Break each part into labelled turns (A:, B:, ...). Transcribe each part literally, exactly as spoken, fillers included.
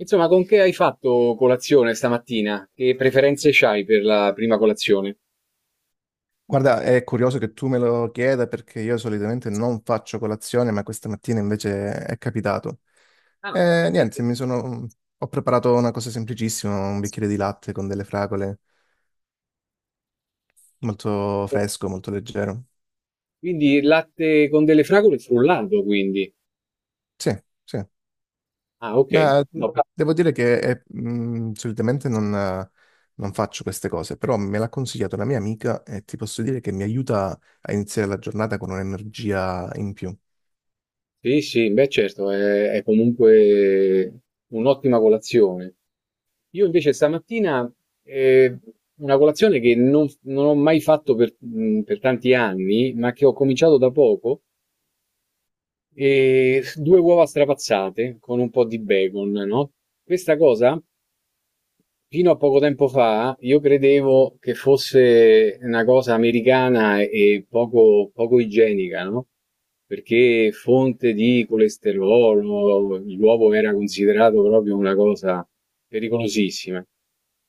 A: Insomma, con che hai fatto colazione stamattina? Che preferenze c'hai per la prima colazione?
B: Guarda, è curioso che tu me lo chieda perché io solitamente non faccio colazione, ma questa mattina invece è capitato.
A: Ah,
B: E niente,
A: perfetto.
B: mi sono... ho preparato una cosa semplicissima, un bicchiere di latte con delle fragole, molto fresco, molto leggero.
A: Quindi latte con delle fragole frullato, quindi.
B: Sì, sì.
A: Ah, ok.
B: Ma
A: No,
B: devo dire che è- mh, solitamente non, eh, non faccio queste cose, però me l'ha consigliato una mia amica e ti posso dire che mi aiuta a iniziare la giornata con un'energia in più.
A: sì, sì, beh, certo, è, è comunque un'ottima colazione. Io invece stamattina eh, una colazione che non, non ho mai fatto per, mh, per tanti anni, ma che ho cominciato da poco, e due uova strapazzate con un po' di bacon, no? Questa cosa. Fino a poco tempo fa io credevo che fosse una cosa americana e poco, poco igienica, no? Perché fonte di colesterolo, l'uovo era considerato proprio una cosa pericolosissima.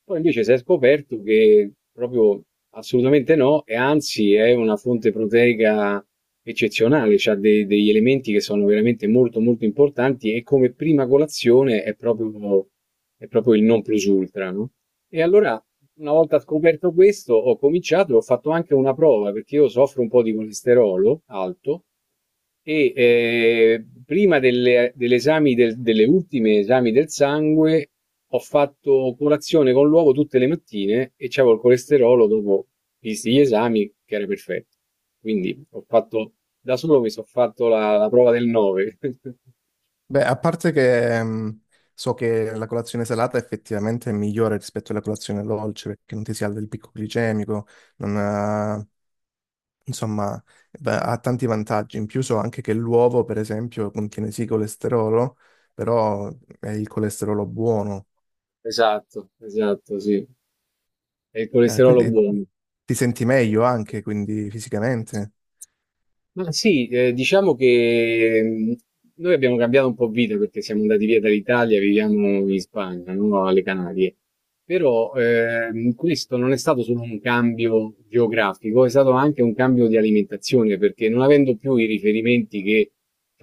A: Poi invece si è scoperto che proprio assolutamente no, e anzi è una fonte proteica eccezionale, ha degli elementi che sono veramente molto molto importanti e come prima colazione è proprio, è proprio il non plus ultra, no? E allora una volta scoperto questo, ho cominciato e ho fatto anche una prova, perché io soffro un po' di colesterolo alto e eh, prima delle, dell'esami del- delle ultime esami del sangue ho fatto colazione con l'uovo tutte le mattine e c'avevo il colesterolo dopo, visti gli esami, che era perfetto. Quindi ho fatto, da solo mi sono fatto la, la prova del nove.
B: Beh, a parte che mh, so che la colazione salata effettivamente è migliore rispetto alla colazione dolce perché non ti si alza il picco glicemico, non ha- insomma, va- ha tanti vantaggi. In più so anche che l'uovo, per esempio, contiene sì colesterolo, però è il colesterolo buono.
A: Esatto, esatto, sì. È il
B: Eh,
A: colesterolo
B: quindi
A: buono.
B: ti senti meglio anche, quindi fisicamente.
A: Ma sì, eh, diciamo che mh, noi abbiamo cambiato un po' vita perché siamo andati via dall'Italia, viviamo in Spagna, no? Alle Canarie. Però, ehm, questo non è stato solo un cambio geografico, è stato anche un cambio di alimentazione, perché non avendo più i riferimenti che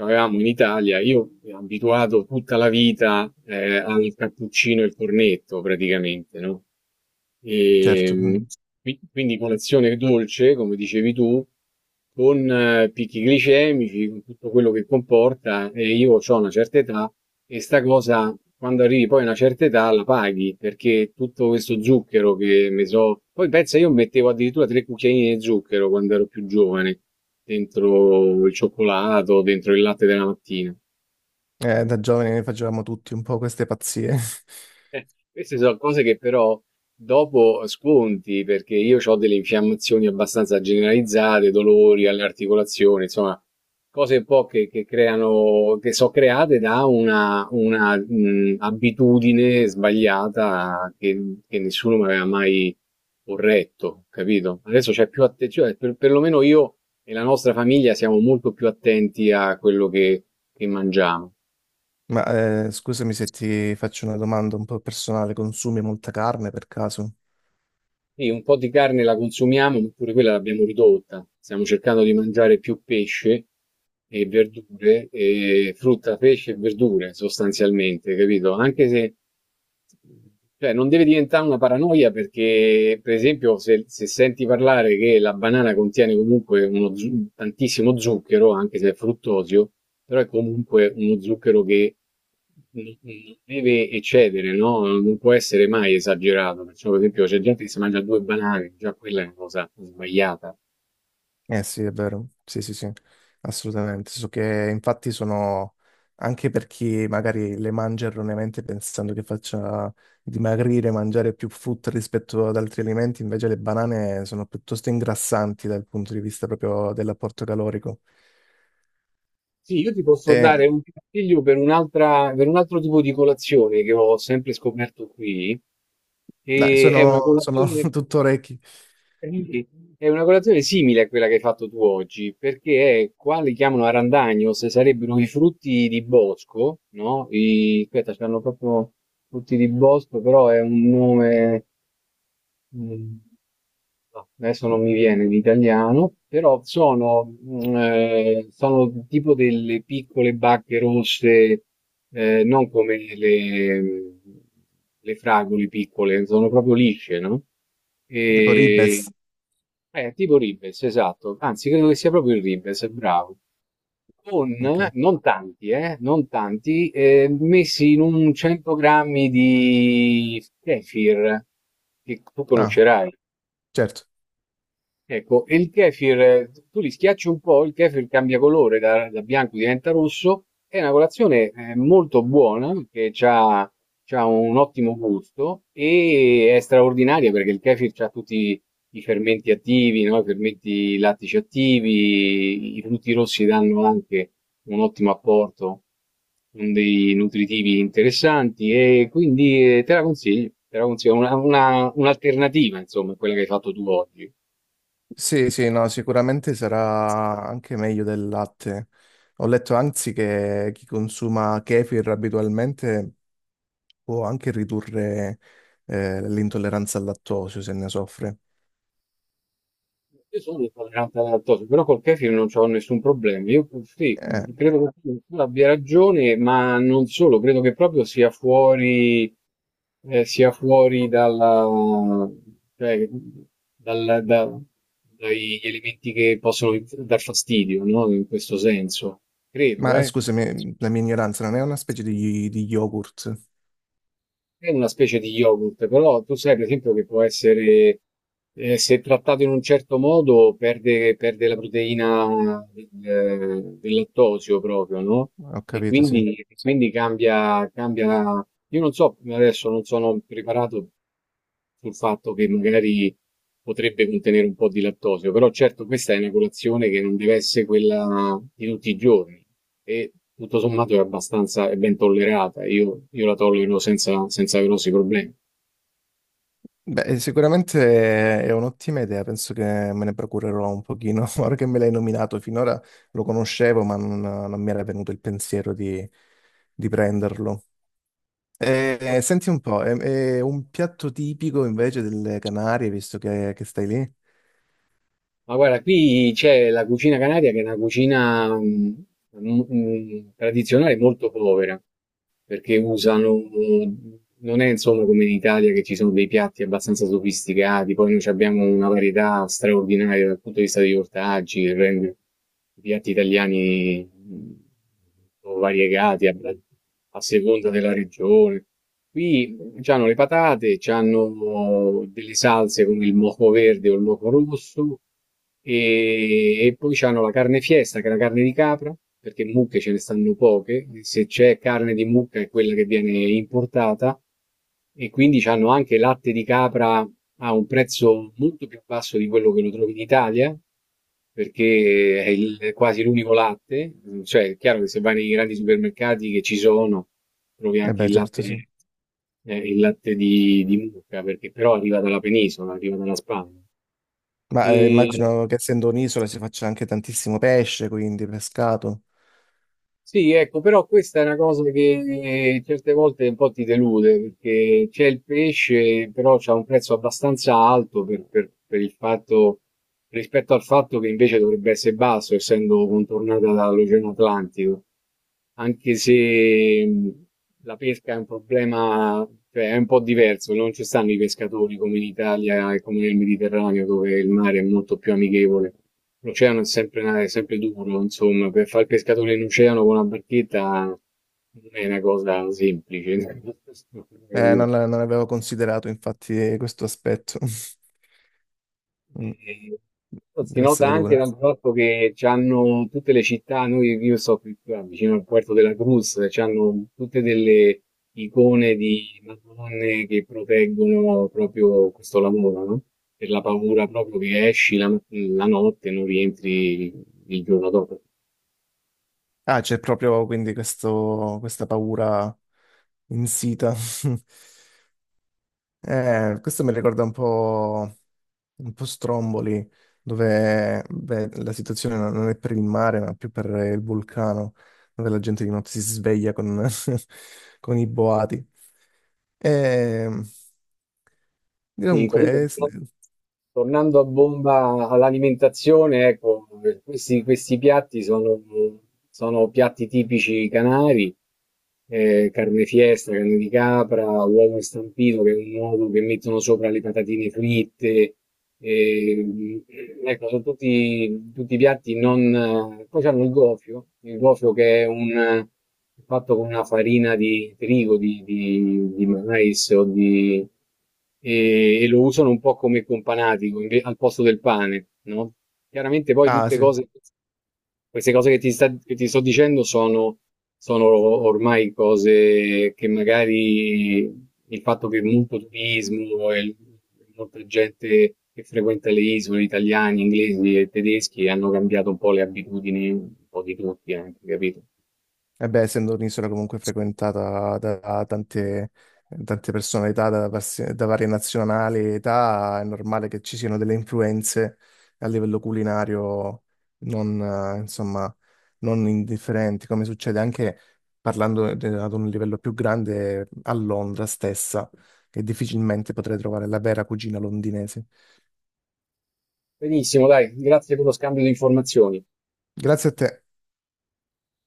A: avevamo in Italia, io mi ero abituato tutta la vita, eh, al cappuccino e al cornetto praticamente, no?
B: Certo,
A: E, qui- quindi colazione dolce, come dicevi tu, con eh, picchi glicemici, con tutto quello che comporta, e io ho una certa età, e sta cosa, quando arrivi poi a una certa età, la paghi, perché tutto questo zucchero che mi so... Poi pensa, io mettevo addirittura tre cucchiaini di zucchero quando ero più giovane, dentro il cioccolato, dentro il latte della mattina.
B: eh, da giovani ne facevamo tutti un po' queste pazzie.
A: Eh, queste sono cose che però dopo sconti, perché io ho delle infiammazioni abbastanza generalizzate, dolori alle articolazioni, insomma, cose un po' che, che creano, che sono create da una, una, mh, abitudine sbagliata che, che nessuno mi aveva mai corretto, capito? Adesso c'è più attenzione, per, perlomeno io e la nostra famiglia siamo molto più attenti a quello che che mangiamo.
B: Ma eh, scusami se ti faccio una domanda un po' personale, consumi molta carne per caso?
A: Sì, un po' di carne la consumiamo, ma pure quella l'abbiamo ridotta. Stiamo cercando di mangiare più pesce e verdure, e frutta, pesce e verdure sostanzialmente, capito? Anche se, cioè, non deve diventare una paranoia perché, per esempio, se, se senti parlare che la banana contiene comunque uno zu- tantissimo zucchero, anche se è fruttosio, però è comunque uno zucchero che non non deve eccedere, no? Non può essere mai esagerato. Perciò, per esempio, c'è gente che si mangia due banane, già quella è una cosa sbagliata.
B: Eh sì, è vero, sì sì sì, assolutamente. So che infatti sono, anche per chi magari le mangia erroneamente pensando che faccia dimagrire, mangiare più frutta rispetto ad altri alimenti, invece le banane sono piuttosto ingrassanti dal punto di vista proprio dell'apporto calorico.
A: Sì, io ti posso
B: E,
A: dare un consiglio per un'altra, per un altro tipo di colazione che ho sempre scoperto qui,
B: dai,
A: e è una
B: sono, sono
A: colazione,
B: tutto orecchi,
A: è una colazione simile a quella che hai fatto tu oggi, perché è qua li chiamano arandagno, se sarebbero i frutti di bosco, no? I, aspetta, c'hanno proprio frutti di bosco, però è un nome. Mhmm, no, adesso non mi viene l'italiano, però sono, mhmm, ehm, sono tipo delle piccole bacche rosse, ehm, non come le mhmm, le fragole piccole, sono proprio lisce, no,
B: tipo
A: ehm
B: ribes.
A: eh, tipo ribes, esatto, anzi credo che sia proprio il ribes, bravo. Con
B: Ok.
A: non tanti, eh, non tanti, ehm, messi in un cento grammi di kefir, che tu
B: Ah,
A: conoscerai.
B: certo.
A: Ecco, e il kefir, eh, tu li schiacci un po', il kefir cambia colore, da, da bianco diventa rosso. È una colazione eh, molto buona, che ha un ottimo gusto e è straordinaria perché il kefir ha tutti i fermenti attivi, no? I fermenti lattici attivi, i frutti rossi danno anche un ottimo apporto, con dei nutritivi interessanti e quindi eh, te la consiglio, te la consiglio, una- una- un'alternativa, insomma, a quella che hai fatto tu oggi.
B: Sì, sì, no, sicuramente sarà anche meglio del latte. Ho letto anzi che chi consuma kefir abitualmente può anche ridurre eh, l'intolleranza al lattosio se ne soffre.
A: Io sono intollerante alla lattosio, però col kefir non ho nessun problema. Io sì,
B: Eh,
A: credo che tu tu abbia ragione, ma non solo, credo che proprio sia fuori, eh, sia fuori dalla, cioè, dal- da- dagli elementi che possono dar fastidio, no? In questo senso, credo,
B: ma eh,
A: eh.
B: scusami, la mia ignoranza, non è una specie di, di yogurt?
A: È una specie di yogurt, però tu sai per esempio che può essere, eh, se trattato in un certo modo, perde, perde la proteina del, del lattosio proprio, no?
B: Ho
A: E
B: capito, sì.
A: quindi, quindi cambia, cambia. Io non so, adesso non sono preparato sul fatto che magari potrebbe contenere un po' di lattosio, però certo questa è una colazione che non deve essere quella di tutti i giorni e tutto sommato è abbastanza, è ben tollerata, io, io la tollero senza, senza grossi problemi.
B: Beh, sicuramente è un'ottima idea, penso che me ne procurerò un pochino. Ora che me l'hai nominato, finora lo conoscevo, ma non, non mi era venuto il pensiero di di prenderlo. Eh, senti un po', è, è un piatto tipico invece delle Canarie, visto che, che stai lì?
A: Ma guarda, qui c'è la cucina canaria che è una cucina mm, mm, tradizionale molto povera, perché usano, eh, non è insomma come in Italia che ci sono dei piatti abbastanza sofisticati, poi noi ci abbiamo una varietà straordinaria dal punto di vista degli ortaggi, che rende i piatti italiani mh, sono variegati a, a seconda della regione. Qui hanno le patate, hanno delle salse come il moco verde o il moco rosso, e, e poi c'hanno la carne fiesta, che è la carne di capra, perché mucche ce ne stanno poche, se c'è carne di mucca è quella che viene importata, e quindi c'hanno anche latte di capra a un prezzo molto più basso di quello che lo trovi in Italia, perché è, il- è quasi l'unico latte, cioè è chiaro che se vai nei grandi supermercati che ci sono, trovi
B: Eh
A: anche
B: beh,
A: il latte,
B: certo, sì.
A: eh, il latte di, di mucca, perché però arriva dalla penisola, arriva dalla Spagna.
B: Ma eh,
A: E,
B: immagino che essendo un'isola si faccia anche tantissimo pesce, quindi pescato.
A: Sì, ecco, però questa è una cosa che eh, certe volte un po' ti delude, perché c'è il pesce, però c'ha un prezzo abbastanza alto per, per- per il fatto, rispetto al fatto che invece dovrebbe essere basso, essendo contornata dall'Oceano Atlantico anche se mh, la pesca è un problema, cioè è un po' diverso, non ci stanno i pescatori come in Italia e come nel Mediterraneo, dove il mare è molto più amichevole. L'oceano è sempre, è sempre duro, insomma, per fare il pescatore in oceano con una barchetta non è una cosa semplice.
B: Eh, non,
A: Capito?
B: non avevo considerato infatti questo aspetto. Mm,
A: Ehm, si
B: deve
A: nota
B: essere
A: anche
B: duro.
A: dal fatto che c'hanno tutte le città, noi io sto qui qua vicino al Puerto de la Cruz, c'hanno tutte delle icone di Madonne che proteggono proprio questo lavoro, no? Per la paura proprio che esci la, la notte e non rientri il giorno dopo.
B: Ah, c'è proprio quindi questo- questa paura insita. Eh, questo mi ricorda un po', un po' Stromboli, dove beh, la situazione non non è per il mare, ma più per il vulcano, dove la gente di notte si sveglia con, con i boati. E,
A: Sì,
B: comunque,
A: comunque
B: eh, s-
A: tornando a bomba all'alimentazione, ecco, questi, questi piatti sono, sono piatti tipici canari, eh, carne fiesta, carne di capra, uovo stampito, che è un uovo che mettono sopra le patatine fritte, eh, ecco, sono tutti, tutti piatti non... Poi hanno il gofio, il gofio che è un fatto con una farina di trigo, di, di- di mais o di, e, e lo usano un po' come companatico inve- al posto del pane, no? Chiaramente poi
B: ah
A: tutte
B: sì.
A: cose, queste cose che ti, sta- che ti sto dicendo sono, sono ormai cose che magari il fatto che molto turismo e l- molta gente che frequenta le isole, italiani, inglesi e tedeschi, hanno cambiato un po' le abitudini, un po' di tutti anche, capito?
B: E beh, essendo un'isola comunque frequentata da, da tante, tante personalità da, pers- da varie nazionali e età, è normale che ci siano delle influenze a livello culinario non, eh, insomma, non indifferenti, come succede anche parlando de- ad un livello più grande a Londra stessa, che difficilmente potrei trovare la vera cucina londinese.
A: Benissimo, dai, grazie per lo scambio di informazioni.
B: Grazie a te.